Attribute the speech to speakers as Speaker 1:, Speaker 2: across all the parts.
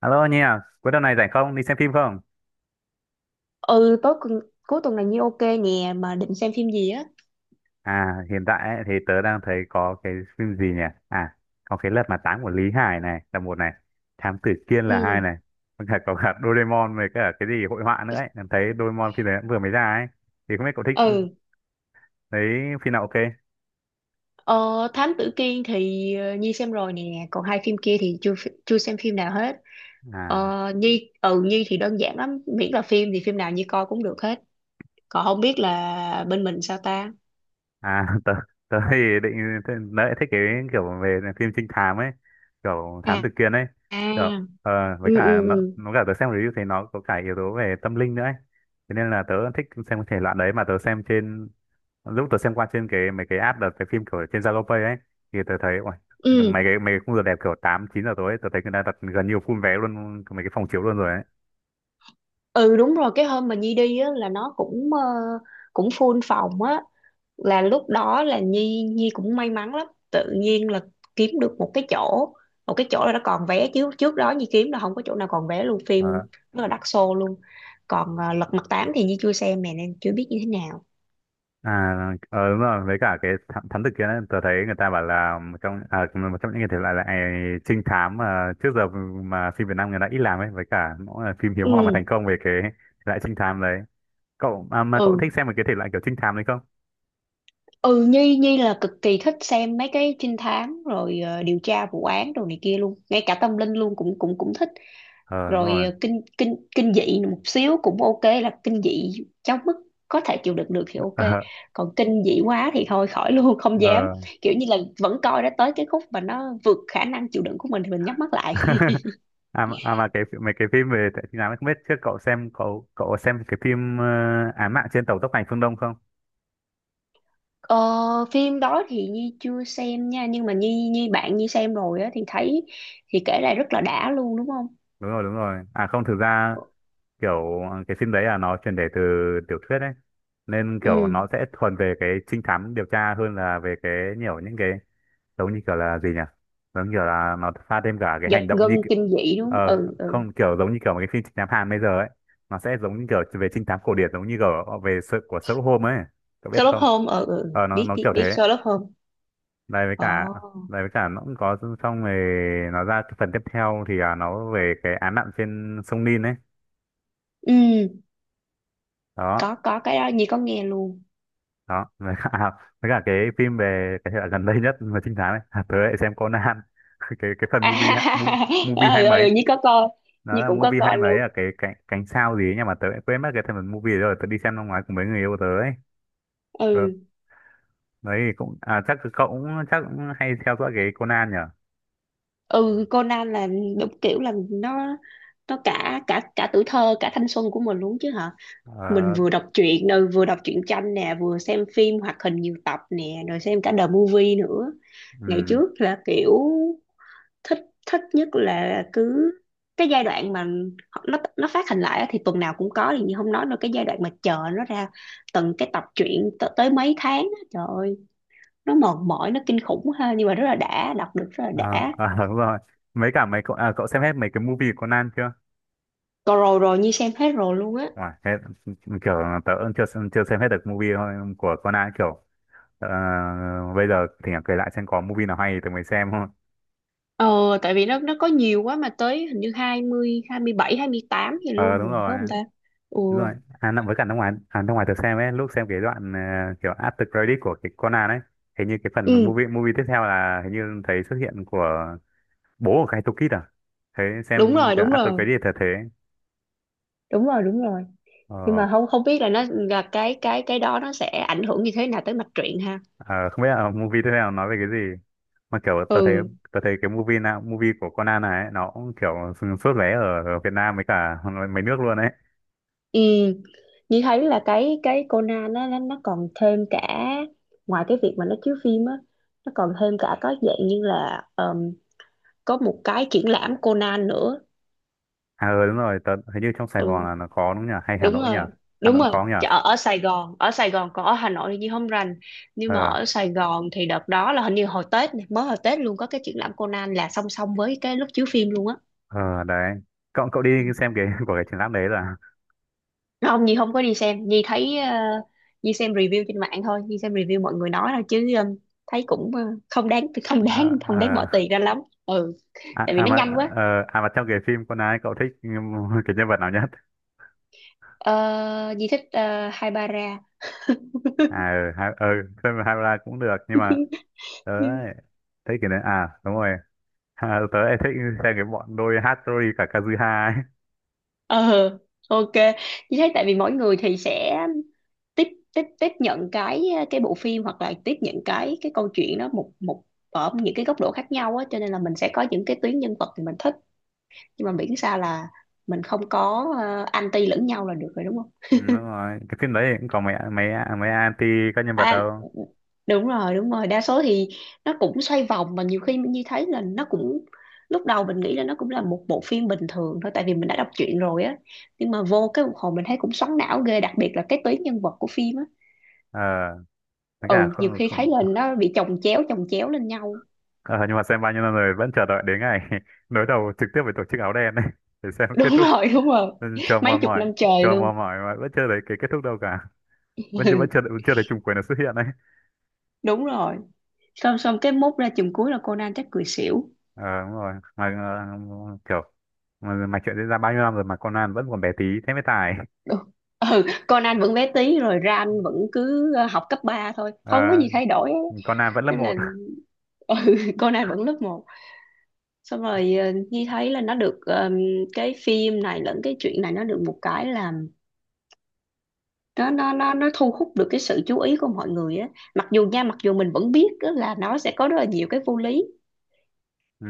Speaker 1: Alo Nhi à, cuối tuần này rảnh không? Đi xem phim không?
Speaker 2: Ừ Tối cùng, cuối tuần này ok nè, mà định xem phim gì á.
Speaker 1: À, hiện tại ấy, thì tớ đang thấy có cái phim gì nhỉ? À, có cái Lật Mặt Tám của Lý Hải này là một này, Thám Tử Kiên là hai
Speaker 2: Ừ.
Speaker 1: này, còn cả có cả Doraemon với cả cái gì hội họa nữa ấy. Em thấy Doraemon phim đấy cũng vừa mới ra ấy. Thì không biết cậu thích
Speaker 2: Ừ.
Speaker 1: thấy phim nào ok?
Speaker 2: ờ, Thám Tử Kiên thì Nhi xem rồi nè, còn hai phim kia thì chưa xem phim nào hết.
Speaker 1: à
Speaker 2: Nhi, Nhi thì đơn giản lắm, miễn là phim thì phim nào Nhi coi cũng được hết. Còn không biết là bên mình sao ta?
Speaker 1: À, tớ thì tớ thích cái kiểu về phim trinh thám ấy, kiểu thám
Speaker 2: À.
Speaker 1: tử Kiên ấy. Kiểu,
Speaker 2: À.
Speaker 1: với
Speaker 2: Ừ. Ừ.
Speaker 1: cả
Speaker 2: Ừ.
Speaker 1: nó cả tớ xem review thì nó có cả yếu tố về tâm linh nữa ấy. Thế nên là tớ thích xem thể loại đấy mà tớ xem trên lúc tớ xem qua trên cái mấy cái app đợt cái phim kiểu trên Zalo Pay ấy thì tớ thấy ôi,
Speaker 2: Ừ.
Speaker 1: mấy cái khung giờ đẹp kiểu 8 9 giờ tối ấy, tớ thấy người ta đặt gần như full vé luôn mấy cái phòng chiếu luôn rồi ấy.
Speaker 2: Ừ, đúng rồi, cái hôm mà Nhi đi á là nó cũng cũng full phòng á, là lúc đó là Nhi Nhi cũng may mắn lắm, tự nhiên là kiếm được một cái chỗ, một cái chỗ là nó còn vé, chứ trước đó Nhi kiếm là không có chỗ nào còn vé luôn, phim
Speaker 1: Ờ,
Speaker 2: rất là đắt xô luôn. Còn Lật Mặt Tám thì Nhi chưa xem nè, nên chưa biết như thế nào.
Speaker 1: À, ờ, đúng rồi, với cả cái thám tử kia đấy, tớ thấy người ta bảo là một trong những cái thể loại là trinh thám mà trước giờ mà phim Việt Nam người ta ít làm ấy, với cả mỗi là phim hiếm hoi mà
Speaker 2: Ừ.
Speaker 1: thành công về cái thể loại trinh thám đấy. Cậu à, mà cậu
Speaker 2: Ừ.
Speaker 1: thích xem một cái thể loại kiểu trinh thám đấy không?
Speaker 2: Ừ. Nhi Nhi là cực kỳ thích xem mấy cái trinh thám rồi, điều tra vụ án đồ này kia luôn, ngay cả tâm linh luôn cũng cũng cũng thích.
Speaker 1: Ờ, đúng
Speaker 2: Rồi
Speaker 1: rồi.
Speaker 2: kinh kinh kinh dị một xíu cũng ok, là kinh dị trong mức có thể chịu đựng được thì ok,
Speaker 1: Ờ,
Speaker 2: còn kinh dị quá thì thôi khỏi luôn. Không dám.
Speaker 1: ờ.
Speaker 2: Kiểu như là vẫn coi, đã tới cái khúc mà nó vượt khả năng chịu đựng của mình thì mình nhắm mắt lại.
Speaker 1: À mà cái mấy cái phim về trinh thám ấy, không biết trước cậu xem cậu cậu xem cái phim Án mạng trên tàu tốc hành phương Đông không?
Speaker 2: ờ, Phim đó thì Nhi chưa xem nha, nhưng mà Nhi, bạn Nhi xem rồi á, thì thấy, thì kể lại rất là đã luôn, đúng không?
Speaker 1: Đúng rồi, đúng rồi. À không, thực ra kiểu cái phim đấy là nó chuyển thể từ tiểu thuyết ấy, nên kiểu
Speaker 2: Ừ.
Speaker 1: nó sẽ thuần về cái trinh thám điều tra hơn là về cái nhiều những cái giống như kiểu là gì nhỉ, giống như kiểu là nó pha thêm cả cái
Speaker 2: Giật
Speaker 1: hành động
Speaker 2: gân
Speaker 1: như kiểu,
Speaker 2: kinh dị đúng không?
Speaker 1: ờ,
Speaker 2: Ừ. Ừ.
Speaker 1: không, kiểu giống như kiểu một cái phim trinh thám Hàn bây giờ ấy, nó sẽ giống như kiểu về trinh thám cổ điển giống như kiểu về sự của Sherlock Holmes ấy, cậu biết
Speaker 2: Sherlock
Speaker 1: không?
Speaker 2: Holmes. Ừ. Ừ,
Speaker 1: Nó
Speaker 2: biết,
Speaker 1: nó
Speaker 2: biết
Speaker 1: kiểu thế.
Speaker 2: biết Sherlock Holmes.
Speaker 1: đây với cả
Speaker 2: Ồ.
Speaker 1: Đây với cả nó cũng có, xong rồi nó ra cái phần tiếp theo thì nó về cái án mạng trên sông Nin ấy
Speaker 2: Ừ,
Speaker 1: đó.
Speaker 2: có cái đó Nhi có nghe luôn.
Speaker 1: Đó với cả với cả cái phim về cái hệ gần đây nhất mà trinh thám ấy, tớ lại xem Conan. Cái cái phần
Speaker 2: À,
Speaker 1: movie hai
Speaker 2: ừ, ừ
Speaker 1: mấy,
Speaker 2: Nhi có coi.
Speaker 1: nó
Speaker 2: Nhi
Speaker 1: là
Speaker 2: cũng có
Speaker 1: movie hai
Speaker 2: coi
Speaker 1: mấy
Speaker 2: luôn.
Speaker 1: là cái cánh cánh sao gì ấy, nhưng mà tớ lại quên mất cái phần movie đấy rồi. Tớ đi xem năm ngoái cùng mấy người yêu tớ ấy. Ờ,
Speaker 2: Ừ.
Speaker 1: đấy thì cũng chắc cậu cũng chắc cũng hay theo dõi cái Conan nhở.
Speaker 2: Ừ Conan là, đúng kiểu là nó cả cả cả tuổi thơ cả thanh xuân của mình luôn chứ hả. Mình
Speaker 1: Ờ,
Speaker 2: vừa đọc truyện rồi, vừa đọc truyện tranh nè, vừa xem phim hoạt hình nhiều tập nè, rồi xem cả the movie nữa. Ngày
Speaker 1: ừ.
Speaker 2: trước là kiểu thích, thích nhất là cứ cái giai đoạn mà nó phát hành lại á, thì tuần nào cũng có thì không nói rồi. Cái giai đoạn mà chờ nó ra từng tập truyện tới mấy tháng á, trời ơi, nó mệt mỏi, nó kinh khủng ha, nhưng mà rất là đã, đọc được rất là
Speaker 1: À,
Speaker 2: đã.
Speaker 1: à, đúng rồi. Mấy cả mấy Cậu, cậu xem hết mấy cái movie của Conan chưa?
Speaker 2: Còn rồi, rồi Nhi xem hết rồi luôn á.
Speaker 1: Wow, hết, kiểu tớ cũng chưa chưa xem hết được movie thôi của Conan kiểu ờ, bây giờ thì kể lại xem có movie nào hay thì tớ mới xem thôi.
Speaker 2: Ờ, tại vì nó có nhiều quá, mà tới hình như hai hai mươi, 27 28 gì
Speaker 1: Ờ
Speaker 2: luôn
Speaker 1: đúng
Speaker 2: rồi, phải
Speaker 1: rồi.
Speaker 2: không ta? Ừ.
Speaker 1: Đúng rồi. Với cả năm ngoái, năm ngoái tớ xem ấy, lúc xem cái đoạn kiểu after credit của cái Conan ấy, hình như cái phần
Speaker 2: Ừ,
Speaker 1: movie movie tiếp theo là hình như thấy xuất hiện của bố của Kaito Kid à? Thế
Speaker 2: đúng
Speaker 1: xem
Speaker 2: rồi,
Speaker 1: cái
Speaker 2: đúng
Speaker 1: after
Speaker 2: rồi.
Speaker 1: credit là thế.
Speaker 2: Đúng rồi, đúng rồi. Nhưng
Speaker 1: Ờ.
Speaker 2: mà không, không biết là nó là cái, cái đó nó sẽ ảnh hưởng như thế nào tới mạch truyện ha.
Speaker 1: Ờ, không biết là movie tiếp theo nói về cái gì, mà kiểu
Speaker 2: Ừ.
Speaker 1: tớ thấy cái movie của Conan này ấy, nó cũng kiểu sốt vé ở ở Việt Nam với cả mấy nước luôn đấy.
Speaker 2: ừ Như thấy là cái Conan nó, nó còn thêm cả, ngoài cái việc mà nó chiếu phim á, nó còn thêm cả có dạng như là có một cái triển lãm Conan nữa.
Speaker 1: À ừ, đúng rồi, tớ hình như trong Sài
Speaker 2: Ừ,
Speaker 1: Gòn là nó có đúng nhỉ, hay Hà
Speaker 2: đúng
Speaker 1: Nội nhỉ?
Speaker 2: rồi.
Speaker 1: Hà
Speaker 2: Đúng
Speaker 1: Nội
Speaker 2: rồi.
Speaker 1: có nhỉ.
Speaker 2: Chợ ở Sài Gòn, ở Sài Gòn. Còn ở Hà Nội thì Nhi không rành, nhưng mà
Speaker 1: Ờ,
Speaker 2: ở Sài Gòn thì đợt đó là hình như hồi Tết này, mới hồi Tết luôn, có cái triển lãm Conan là song song với cái lúc chiếu phim luôn á.
Speaker 1: ờ, đấy, cậu cậu đi xem cái của cái triển lãm đấy rồi à?
Speaker 2: Không, Nhi không có đi xem. Nhi thấy Nhi xem review trên mạng thôi, Nhi xem review mọi người nói thôi, chứ thấy cũng không đáng, không
Speaker 1: Ờ,
Speaker 2: đáng, không đáng
Speaker 1: ờ.
Speaker 2: bỏ tiền ra lắm. Ừ,
Speaker 1: à,
Speaker 2: tại vì
Speaker 1: à
Speaker 2: nó
Speaker 1: mà
Speaker 2: nhanh quá.
Speaker 1: À mà trong cái phim Conan ấy, cậu thích cái nhân vật nào nhất?
Speaker 2: Ờ, Nhi thích Haibara.
Speaker 1: À ừ, ha, ừ, Hera cũng được nhưng mà tớ ấy, thấy cái đấy à đúng rồi. À, tớ lại thích xem cái bọn đôi Hattori cả Kazuha ấy.
Speaker 2: Ờ, ok. Chị thấy tại vì mỗi người thì sẽ tiếp, tiếp nhận cái bộ phim, hoặc là tiếp nhận cái câu chuyện đó một, ở những cái góc độ khác nhau á, cho nên là mình sẽ có những cái tuyến nhân vật thì mình thích, nhưng mà miễn sao là mình không có anti lẫn nhau là được rồi, đúng không?
Speaker 1: Ừ, đúng rồi. Cái phim đấy cũng có mấy mấy mấy anti các nhân vật
Speaker 2: À,
Speaker 1: đâu.
Speaker 2: đúng rồi, đúng rồi. Đa số thì nó cũng xoay vòng, mà nhiều khi mình thấy là nó cũng, lúc đầu mình nghĩ là nó cũng là một bộ phim bình thường thôi, tại vì mình đã đọc truyện rồi á, nhưng mà vô cái một hồi mình thấy cũng xoắn não ghê, đặc biệt là cái tuyến nhân vật của phim á.
Speaker 1: Ờ, với cả
Speaker 2: Ừ, nhiều
Speaker 1: không,
Speaker 2: khi thấy
Speaker 1: không.
Speaker 2: là nó bị chồng chéo, chồng chéo lên nhau.
Speaker 1: Ờ, nhưng mà xem bao nhiêu năm rồi vẫn chờ đợi đến ngày đối đầu trực tiếp với tổ chức áo đen ấy để xem kết
Speaker 2: Đúng
Speaker 1: thúc.
Speaker 2: rồi, đúng rồi.
Speaker 1: Ừ, chờ
Speaker 2: Mấy
Speaker 1: mòn
Speaker 2: chục
Speaker 1: mỏi,
Speaker 2: năm
Speaker 1: chờ
Speaker 2: trời luôn.
Speaker 1: mòn mỏi mà vẫn chưa thấy cái kết thúc đâu cả. Vẫn chưa Chưa thấy trùng quyền nó xuất hiện đấy.
Speaker 2: Đúng rồi. Xong, xong cái mốt ra chùm cuối là Conan chắc cười xỉu.
Speaker 1: Ờ, đúng rồi. Mà kiểu mà chuyện diễn ra bao nhiêu năm rồi mà Conan vẫn còn bé tí thế mới tài.
Speaker 2: Ừ. Ừ, Conan vẫn bé tí, rồi Ran vẫn cứ học cấp 3 thôi, không có
Speaker 1: Ờ,
Speaker 2: gì thay đổi.
Speaker 1: Conan vẫn lớp
Speaker 2: Nên là
Speaker 1: một.
Speaker 2: ừ, cô này vẫn lớp 1. Xong rồi Nhi thấy là nó được, cái phim này lẫn cái chuyện này nó được một cái là nó, nó thu hút được cái sự chú ý của mọi người á, mặc dù nha, mặc dù mình vẫn biết á là nó sẽ có rất là nhiều cái vô lý.
Speaker 1: Ừ,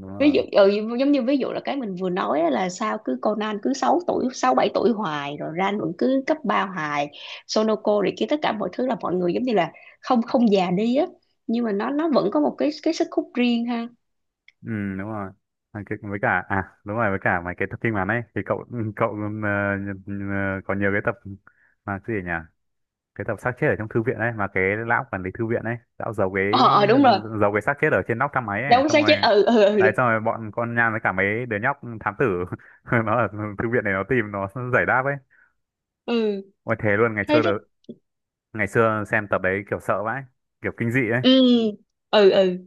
Speaker 1: đúng
Speaker 2: Ví dụ
Speaker 1: rồi.
Speaker 2: giống như ví dụ là cái mình vừa nói á, là sao cứ Conan cứ 6 tuổi 6 7 tuổi hoài, rồi Ran vẫn cứ cấp 3 hoài, Sonoko rồi kia, tất cả mọi thứ là mọi người giống như là không, không già đi á, nhưng mà nó vẫn có một cái sức hút riêng ha.
Speaker 1: Ừ, đúng rồi. À, với cả à đúng rồi với cả mấy cái tập phim ngắn ấy thì cậu cậu có nhiều cái tập mà cái gì nhỉ? Cái tập xác chết ở trong thư viện ấy, mà cái lão quản lý thư viện ấy, lão
Speaker 2: Ờ. Ờ, đúng rồi.
Speaker 1: giấu cái xác chết ở trên nóc thang máy ấy,
Speaker 2: Đúng,
Speaker 1: xong
Speaker 2: xác
Speaker 1: rồi
Speaker 2: chết. Ừ. Ừ. Ừ.
Speaker 1: đấy, xong rồi bọn con nhang với cả mấy đứa nhóc thám tử nó ở thư viện này, nó tìm nó giải đáp ấy.
Speaker 2: Ừ,
Speaker 1: Ôi thế luôn,
Speaker 2: thấy rất.
Speaker 1: ngày xưa xem tập đấy kiểu sợ vãi, kiểu kinh dị ấy.
Speaker 2: Ừ. Ừ. Ừ,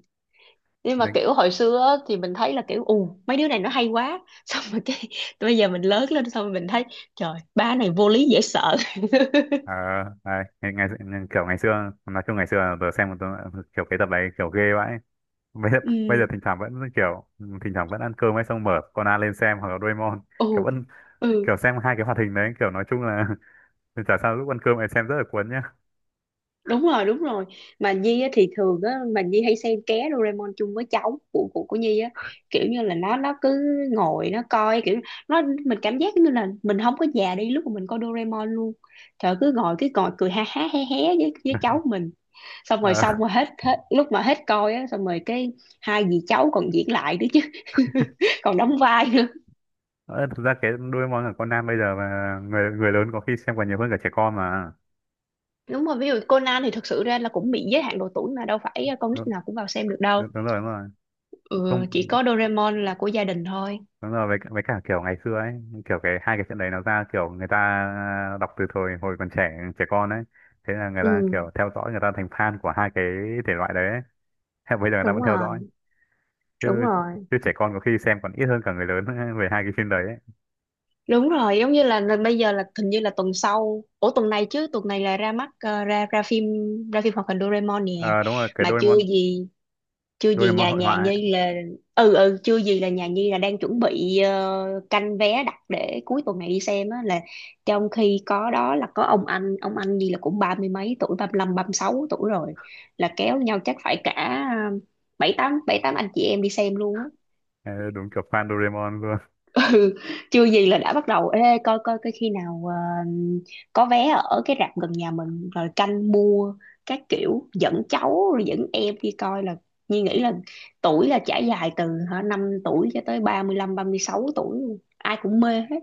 Speaker 2: nhưng mà kiểu hồi xưa á, thì mình thấy là kiểu ù mấy đứa này nó hay quá. Xong rồi cái bây giờ mình lớn lên, xong rồi mình thấy trời ba này vô lý dễ sợ.
Speaker 1: Ờ, đấy, ngày, kiểu ngày xưa nói chung ngày xưa là tớ xem một tớ, kiểu cái tập đấy kiểu ghê vãi, bây giờ bây giờ
Speaker 2: Ừ.
Speaker 1: thỉnh thoảng vẫn kiểu, thỉnh thoảng vẫn ăn cơm ấy xong mở Conan lên xem hoặc là Doraemon,
Speaker 2: Ừ.
Speaker 1: kiểu vẫn kiểu
Speaker 2: Ừ.
Speaker 1: xem hai cái hoạt hình đấy, kiểu nói chung là chả sao, lúc ăn cơm ấy xem rất là cuốn nhá.
Speaker 2: Đúng rồi, đúng rồi. Mà Nhi á, thì thường á mà Nhi hay xem ké Doraemon chung với cháu của của Nhi á. Kiểu như là nó cứ ngồi nó coi, kiểu nó mình cảm giác như là mình không có già đi lúc mà mình coi Doraemon luôn. Trời, cứ ngồi, cứ ngồi cười ha ha hé hé với, cháu mình. Xong rồi,
Speaker 1: Ờ,
Speaker 2: xong rồi hết, hết lúc mà hết coi á, xong rồi cái hai dì cháu còn diễn lại nữa chứ. Còn đóng vai nữa.
Speaker 1: ờ, thực ra cái Doraemon của Conan bây giờ mà người người lớn có khi xem còn nhiều hơn cả trẻ con mà.
Speaker 2: Đúng rồi, ví dụ Conan thì thật sự ra là cũng bị giới hạn độ tuổi, mà đâu phải con nít
Speaker 1: đúng,
Speaker 2: nào cũng vào xem được đâu.
Speaker 1: Đúng rồi, đúng rồi. Không,
Speaker 2: Ừ, chỉ có Doraemon là của gia đình thôi.
Speaker 1: đúng rồi, với cả kiểu ngày xưa ấy, kiểu cái hai cái chuyện đấy nó ra, kiểu người ta đọc từ thời hồi còn trẻ trẻ con ấy. Thế là người ta
Speaker 2: Ừ,
Speaker 1: kiểu theo dõi, người ta thành fan của hai cái thể loại đấy ấy. Hay bây giờ người ta
Speaker 2: đúng
Speaker 1: vẫn theo dõi.
Speaker 2: rồi,
Speaker 1: Chứ
Speaker 2: đúng rồi.
Speaker 1: Chứ trẻ con có khi xem còn ít hơn cả người lớn về hai cái phim đấy ấy.
Speaker 2: Đúng rồi, giống như là bây giờ là hình như là tuần sau, ủa tuần này chứ, tuần này là ra mắt ra, ra phim, ra phim hoạt hình Doraemon nè.
Speaker 1: Ờ, đúng rồi, cái
Speaker 2: Mà chưa
Speaker 1: Doraemon
Speaker 2: gì, chưa gì
Speaker 1: Doraemon
Speaker 2: nhà
Speaker 1: hội họa
Speaker 2: nhà
Speaker 1: ấy.
Speaker 2: Nhi là, ừ. Ừ, chưa gì là nhà Nhi là đang chuẩn bị canh vé đặt để cuối tuần này đi xem á, là trong khi có đó là có ông anh, ông anh Nhi là cũng ba mươi mấy tuổi, 35 36 tuổi rồi, là kéo nhau chắc phải cả ờ, 7 8 7 8 anh chị em đi xem luôn á.
Speaker 1: Ờ, đúng kiểu fan Doraemon luôn.
Speaker 2: Ừ, chưa gì là đã bắt đầu ê coi, coi khi nào có vé ở cái rạp gần nhà mình rồi canh mua, các kiểu dẫn cháu rồi dẫn em đi coi, là Nhi nghĩ là tuổi là trải dài từ hả 5 tuổi cho tới ba, 35 36 tuổi luôn. Ai cũng mê hết.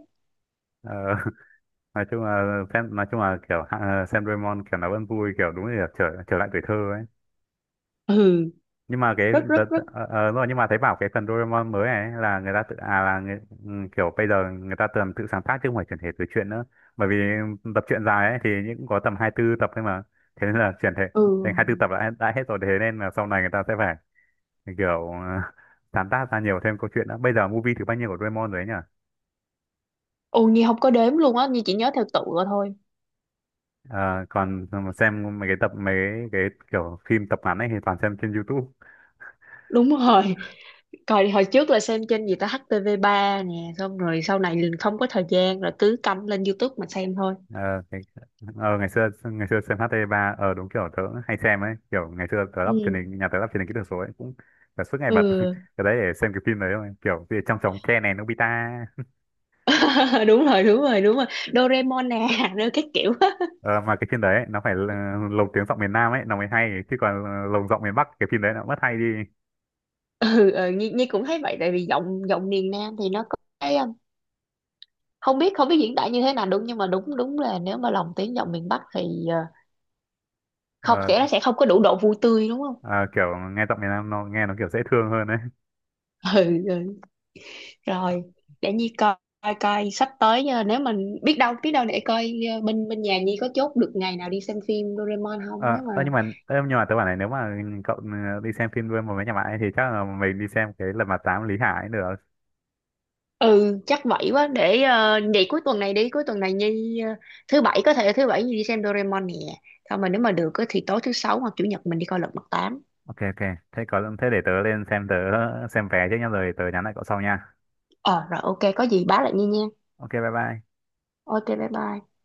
Speaker 1: Ờ, nói chung là kiểu xem Doraemon kiểu nó vẫn vui, kiểu đúng là trở trở lại tuổi thơ ấy.
Speaker 2: Ừ
Speaker 1: Nhưng mà
Speaker 2: rất rất
Speaker 1: tớ,
Speaker 2: rất.
Speaker 1: đúng rồi, nhưng mà thấy bảo cái phần Doraemon mới này ấy là người ta tự à là người, ừ, kiểu bây giờ người ta tưởng tự sáng tác chứ không phải chuyển thể từ truyện nữa, bởi vì tập truyện dài ấy thì những có tầm hai tư tập thôi mà, thế nên là chuyển thể
Speaker 2: Ừ.
Speaker 1: thành hai tư tập đã hết rồi, thế nên là sau này người ta sẽ phải kiểu sáng tác ra nhiều thêm câu chuyện nữa. Bây giờ movie thứ bao nhiêu của Doraemon rồi ấy nhỉ?
Speaker 2: Ồ, Nhi không có đếm luôn á, Nhi chỉ nhớ theo tựa thôi.
Speaker 1: Ờ, còn xem mấy cái cái kiểu phim tập ngắn ấy thì toàn xem trên YouTube.
Speaker 2: Đúng rồi, coi hồi trước là xem trên gì ta, HTV3 nè, xong rồi sau này liền không có thời gian rồi, cứ cắm lên YouTube mà xem thôi.
Speaker 1: ờ, cái, Ngày xưa, ngày xưa xem HT3, ờ đúng, kiểu tớ hay xem ấy, kiểu ngày xưa tớ lắp truyền
Speaker 2: Ừ.
Speaker 1: hình nhà tớ lắp truyền hình kỹ thuật số ấy, cũng tớ suốt ngày bật
Speaker 2: Ừ.
Speaker 1: cái đấy để xem cái phim đấy thôi, kiểu gì trong trống tre này, Nobita.
Speaker 2: Đúng rồi, đúng rồi. Doraemon nè. Rồi cái kiểu á.
Speaker 1: Ờ, mà cái phim đấy ấy, nó phải là lồng tiếng giọng miền Nam ấy nó mới hay, chứ còn lồng giọng miền Bắc cái phim đấy nó mất hay đi.
Speaker 2: Ừ, ừ Nhi, Nhi cũng thấy vậy, tại vì giọng, giọng miền Nam thì nó có cái không biết, không biết diễn tả như thế nào đúng, nhưng mà đúng, đúng là nếu mà lồng tiếng giọng miền Bắc thì không,
Speaker 1: Ờ,
Speaker 2: sẽ nó sẽ không có đủ độ vui tươi, đúng không?
Speaker 1: ờ, kiểu nghe giọng miền Nam nó nghe nó kiểu dễ thương hơn đấy.
Speaker 2: Ừ, ừ. Rồi để Nhi coi, coi sắp tới nếu mình biết đâu, biết đâu, để coi bên, bên nhà Nhi có chốt được ngày nào đi xem phim Doraemon không, nếu mà,
Speaker 1: Nhưng mà tớ bảo này, nếu mà cậu đi xem phim với mấy nhà bạn ấy thì chắc là mình đi xem cái Lật Mặt Tám Lý Hải ấy được.
Speaker 2: ừ. Chắc vậy quá, để vậy cuối tuần này đi, cuối tuần này Nhi thứ bảy, có thể thứ bảy Nhi đi xem Doraemon nè. Thôi mà nếu mà được á thì tối thứ sáu hoặc chủ nhật mình đi coi Lật Mặt Tám.
Speaker 1: Ok ok, thế có thế để tớ lên xem, tớ xem vé trước nhá rồi tớ nhắn lại cậu sau nha.
Speaker 2: Ờ rồi, ok, có gì báo lại Nhi nha.
Speaker 1: Ok, bye bye.
Speaker 2: Ok bye bye.